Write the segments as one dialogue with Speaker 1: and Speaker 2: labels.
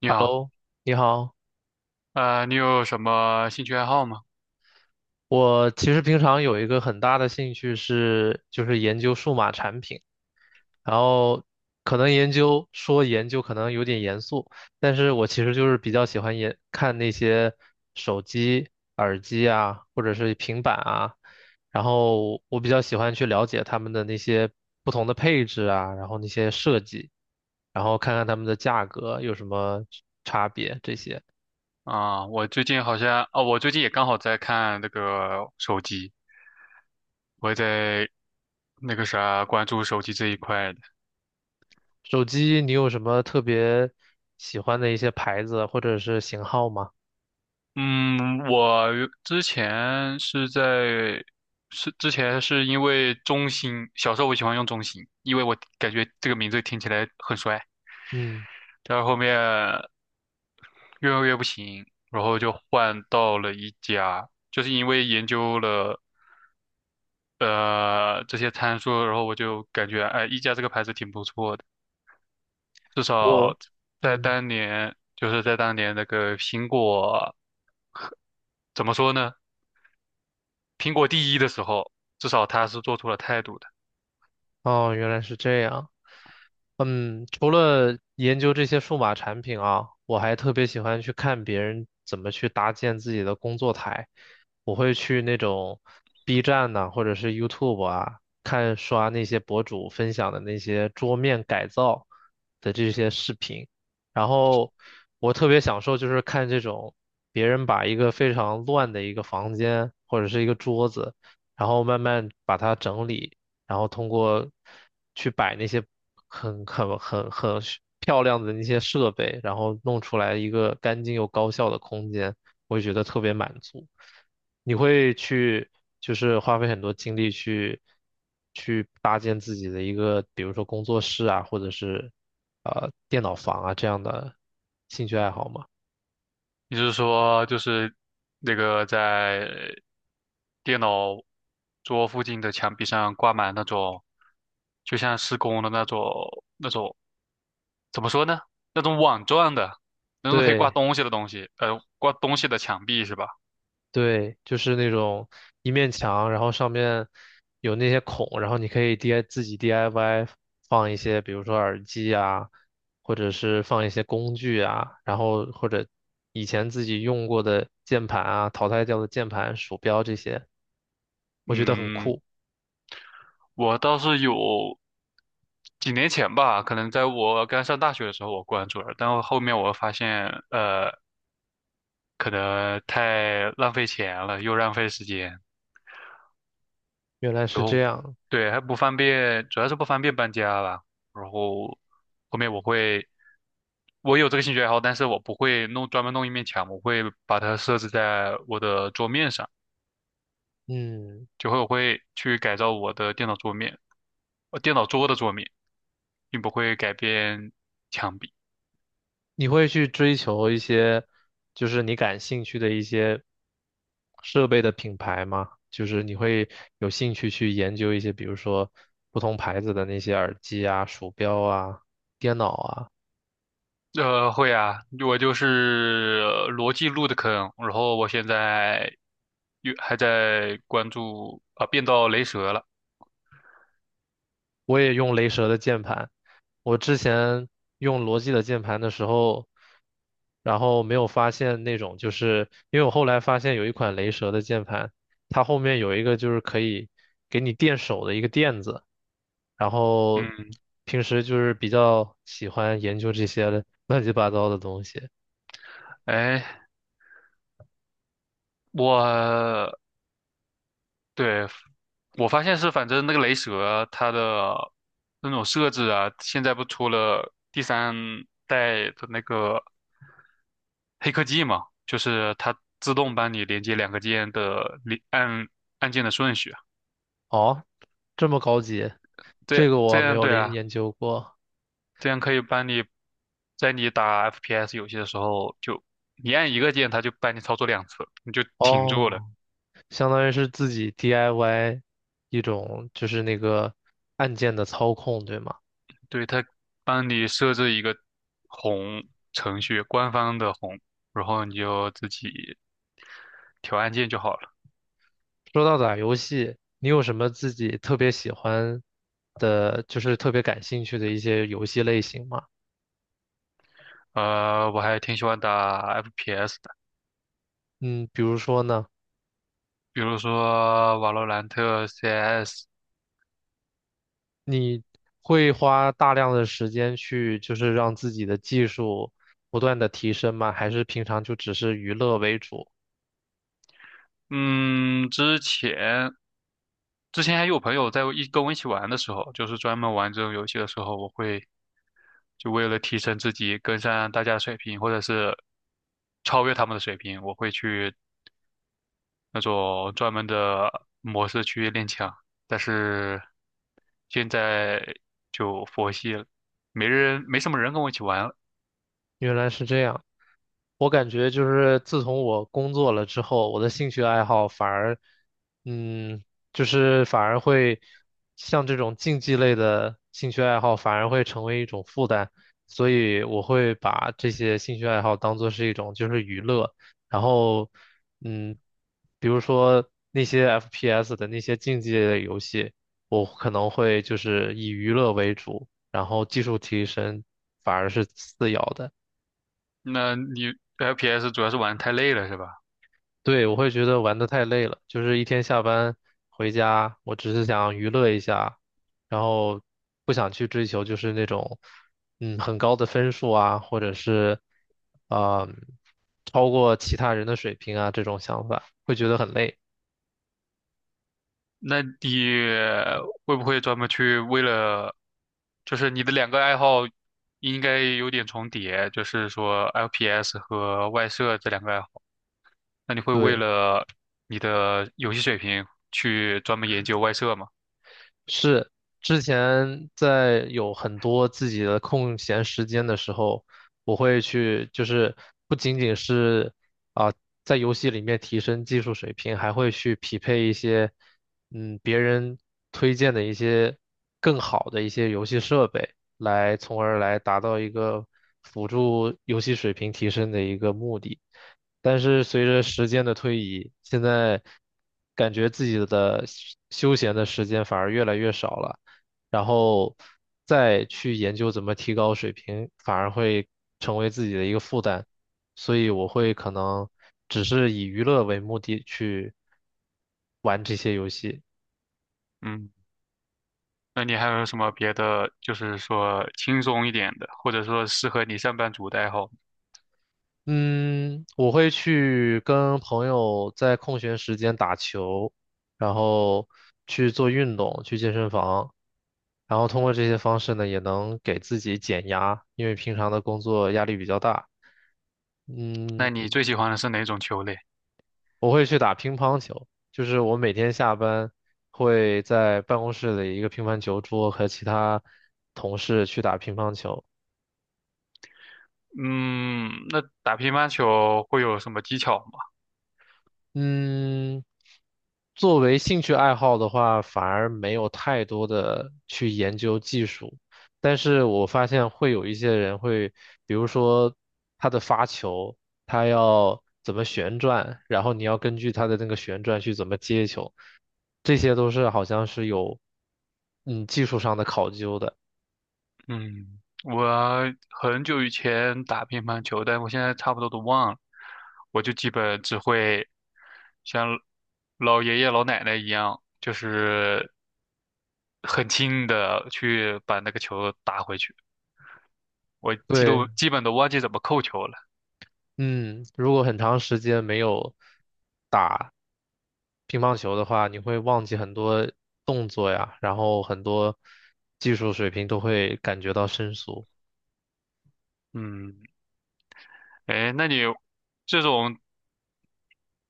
Speaker 1: 你好，
Speaker 2: Hello，你好。
Speaker 1: 你有什么兴趣爱好吗？
Speaker 2: 我其实平常有一个很大的兴趣是，就是研究数码产品，然后可能研究可能有点严肃，但是我其实就是比较喜欢研看那些手机、耳机啊，或者是平板啊，然后我比较喜欢去了解他们的那些不同的配置啊，然后那些设计，然后看看他们的价格有什么差别这些。
Speaker 1: 我最近好像，哦，我最近也刚好在看那个手机，我也在那个啥关注手机这一块的。
Speaker 2: 手机你有什么特别喜欢的一些牌子或者是型号吗？
Speaker 1: 嗯，我之前是在，是之前是因为中兴，小时候我喜欢用中兴，因为我感觉这个名字听起来很帅，
Speaker 2: 嗯，
Speaker 1: 但是后面越用越不行，然后就换到了一家，就是因为研究了。这些参数，然后我就感觉哎，一加这个牌子挺不错的，至
Speaker 2: 我，
Speaker 1: 少
Speaker 2: 嗯，
Speaker 1: 在当年那个苹果怎么说呢？苹果第一的时候，至少他是做出了态度的。
Speaker 2: 哦，原来是这样。嗯，除了研究这些数码产品啊，我还特别喜欢去看别人怎么去搭建自己的工作台。我会去那种 B 站呐、或者是 YouTube 啊，看刷那些博主分享的那些桌面改造的这些视频。然后我特别享受就是看这种别人把一个非常乱的一个房间或者是一个桌子，然后慢慢把它整理。然后通过去摆那些很是漂亮的那些设备，然后弄出来一个干净又高效的空间，我就觉得特别满足。你会去就是花费很多精力去搭建自己的一个，比如说工作室啊，或者是电脑房啊这样的兴趣爱好吗？
Speaker 1: 也就是说，就是那个在电脑桌附近的墙壁上挂满那种，就像施工的那种那种怎么说呢？那种网状的，那种可以挂
Speaker 2: 对。
Speaker 1: 东西的东西，挂东西的墙壁是吧？
Speaker 2: 对，就是那种一面墙，然后上面有那些孔，然后你可以 DI 自己 DIY 放一些，比如说耳机啊，或者是放一些工具啊，然后或者以前自己用过的键盘啊，淘汰掉的键盘、鼠标这些，我觉得很
Speaker 1: 嗯，
Speaker 2: 酷。
Speaker 1: 我倒是有几年前吧，可能在我刚上大学的时候我关注了，但我后面我发现，可能太浪费钱了，又浪费时间，
Speaker 2: 原来是
Speaker 1: 然
Speaker 2: 这
Speaker 1: 后
Speaker 2: 样，
Speaker 1: 对还不方便，主要是不方便搬家吧。然后后面我会，我有这个兴趣爱好，但是我不会弄专门弄一面墙，我会把它设置在我的桌面上，
Speaker 2: 嗯。
Speaker 1: 我会去改造我的电脑桌面，电脑桌的桌面，并不会改变墙壁。
Speaker 2: 你会去追求一些，就是你感兴趣的一些设备的品牌吗？就是你会有兴趣去研究一些，比如说不同牌子的那些耳机啊、鼠标啊、电脑啊。
Speaker 1: 会啊，我就是逻辑路的坑，然后我现在又还在关注啊，变到雷蛇了。
Speaker 2: 我也用雷蛇的键盘。我之前用罗技的键盘的时候，然后没有发现那种，就是因为我后来发现有一款雷蛇的键盘，它后面有一个就是可以给你垫手的一个垫子。然后
Speaker 1: 嗯，
Speaker 2: 平时就是比较喜欢研究这些乱七八糟的东西。
Speaker 1: 哎，我对我发现是，反正那个雷蛇它的那种设置啊，现在不出了第三代的那个黑科技嘛，就是它自动帮你连接两个键的连按按键的顺序啊，
Speaker 2: 哦，这么高级，这
Speaker 1: 这
Speaker 2: 个我
Speaker 1: 这
Speaker 2: 没
Speaker 1: 样
Speaker 2: 有了
Speaker 1: 对啊。
Speaker 2: 研究过。
Speaker 1: 这样可以帮你，在你打 FPS 游戏的时候，就你按一个键，它就帮你操作两次，你就挺住了。
Speaker 2: 哦。相当于是自己 DIY 一种就是那个按键的操控，对吗？
Speaker 1: 对，它帮你设置一个红程序，官方的红，然后你就自己调按键就好了。
Speaker 2: 说到打游戏，你有什么自己特别喜欢的，就是特别感兴趣的一些游戏类型吗？
Speaker 1: 我还挺喜欢打 FPS 的，
Speaker 2: 嗯，比如说呢，
Speaker 1: 比如说瓦罗兰特、CS。
Speaker 2: 你会花大量的时间去就是让自己的技术不断的提升吗？还是平常就只是娱乐为主？
Speaker 1: 嗯，之前还有朋友跟我一起玩的时候，就是专门玩这种游戏的时候，我会就为了提升自己，跟上大家的水平，或者是超越他们的水平，我会去那种专门的模式去练枪。但是现在就佛系了，没人，没什么人跟我一起玩了。
Speaker 2: 原来是这样。我感觉就是自从我工作了之后，我的兴趣爱好反而，嗯，就是反而会像这种竞技类的兴趣爱好，反而会成为一种负担，所以我会把这些兴趣爱好当做是一种就是娱乐，然后，嗯，比如说那些 FPS 的那些竞技类的游戏，我可能会就是以娱乐为主，然后技术提升反而是次要的。
Speaker 1: 那你 FPS 主要是玩得太累了，是吧？
Speaker 2: 对，我会觉得玩的太累了，就是一天下班回家，我只是想娱乐一下，然后不想去追求就是那种，很高的分数啊，或者是，啊、超过其他人的水平啊这种想法，会觉得很累。
Speaker 1: 那你会不会专门去为了，就是你的两个爱好应该有点重叠，就是说 FPS 和外设这两个爱好。那你会为
Speaker 2: 对。
Speaker 1: 了你的游戏水平去专门研究外设吗？
Speaker 2: 是之前在有很多自己的空闲时间的时候，我会去，就是不仅仅是啊、在游戏里面提升技术水平，还会去匹配一些别人推荐的一些更好的一些游戏设备，从而来达到一个辅助游戏水平提升的一个目的。但是随着时间的推移，现在感觉自己的休闲的时间反而越来越少了，然后再去研究怎么提高水平，反而会成为自己的一个负担，所以我会可能只是以娱乐为目的去玩这些游戏。
Speaker 1: 嗯，那你还有什么别的，就是说轻松一点的，或者说适合你上班族的爱好？
Speaker 2: 嗯，我会去跟朋友在空闲时间打球，然后去做运动，去健身房，然后通过这些方式呢，也能给自己减压，因为平常的工作压力比较大。嗯，
Speaker 1: 那你最喜欢的是哪种球类？
Speaker 2: 我会去打乒乓球，就是我每天下班会在办公室的一个乒乓球桌和其他同事去打乒乓球。
Speaker 1: 嗯，那打乒乓球会有什么技巧吗？
Speaker 2: 嗯，作为兴趣爱好的话，反而没有太多的去研究技术，但是我发现会有一些人会，比如说他的发球，他要怎么旋转，然后你要根据他的那个旋转去怎么接球，这些都是好像是有技术上的考究的。
Speaker 1: 嗯，我很久以前打乒乓球，但我现在差不多都忘了。我就基本只会像老爷爷老奶奶一样，就是很轻的去把那个球打回去。我
Speaker 2: 对，
Speaker 1: 基本都忘记怎么扣球了。
Speaker 2: 嗯，如果很长时间没有打乒乓球的话，你会忘记很多动作呀，然后很多技术水平都会感觉到生疏。
Speaker 1: 嗯，哎，那你这种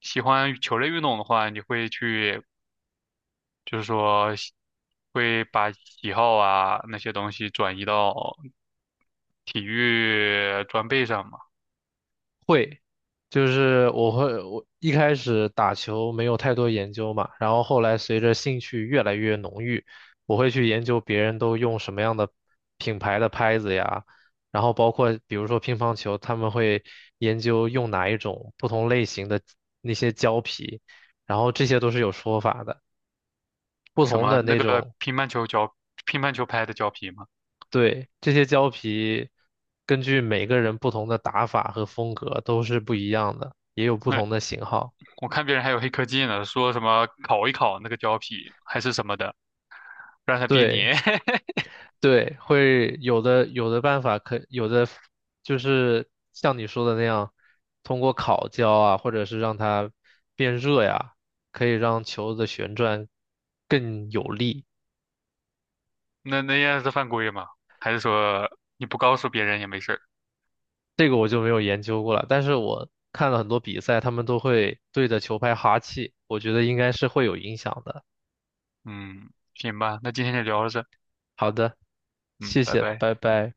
Speaker 1: 喜欢球类运动的话，你会去就是说喜会把喜好啊那些东西转移到体育装备上嘛，
Speaker 2: 会，就是我会，我一开始打球没有太多研究嘛，然后后来随着兴趣越来越浓郁，我会去研究别人都用什么样的品牌的拍子呀，然后包括比如说乒乓球，他们会研究用哪一种不同类型的那些胶皮，然后这些都是有说法的。不
Speaker 1: 什
Speaker 2: 同
Speaker 1: 么
Speaker 2: 的
Speaker 1: 那
Speaker 2: 那
Speaker 1: 个
Speaker 2: 种
Speaker 1: 乒乓球胶、乒乓球拍的胶皮嘛，
Speaker 2: 对，这些胶皮根据每个人不同的打法和风格都是不一样的，也有不
Speaker 1: 哎，
Speaker 2: 同的型号。
Speaker 1: 我看别人还有黑科技呢，说什么烤一烤那个胶皮还是什么的，让它变
Speaker 2: 对
Speaker 1: 黏，
Speaker 2: 对，会有的办法可有的就是像你说的那样，通过烤胶啊，或者是让它变热呀，可以让球的旋转更有力。
Speaker 1: 那那样是犯规吗？还是说你不告诉别人也没事儿？
Speaker 2: 这个我就没有研究过了，但是我看了很多比赛，他们都会对着球拍哈气，我觉得应该是会有影响的。
Speaker 1: 嗯，行吧，那今天就聊到这，
Speaker 2: 好的，
Speaker 1: 嗯，
Speaker 2: 谢
Speaker 1: 拜
Speaker 2: 谢，
Speaker 1: 拜。
Speaker 2: 拜拜。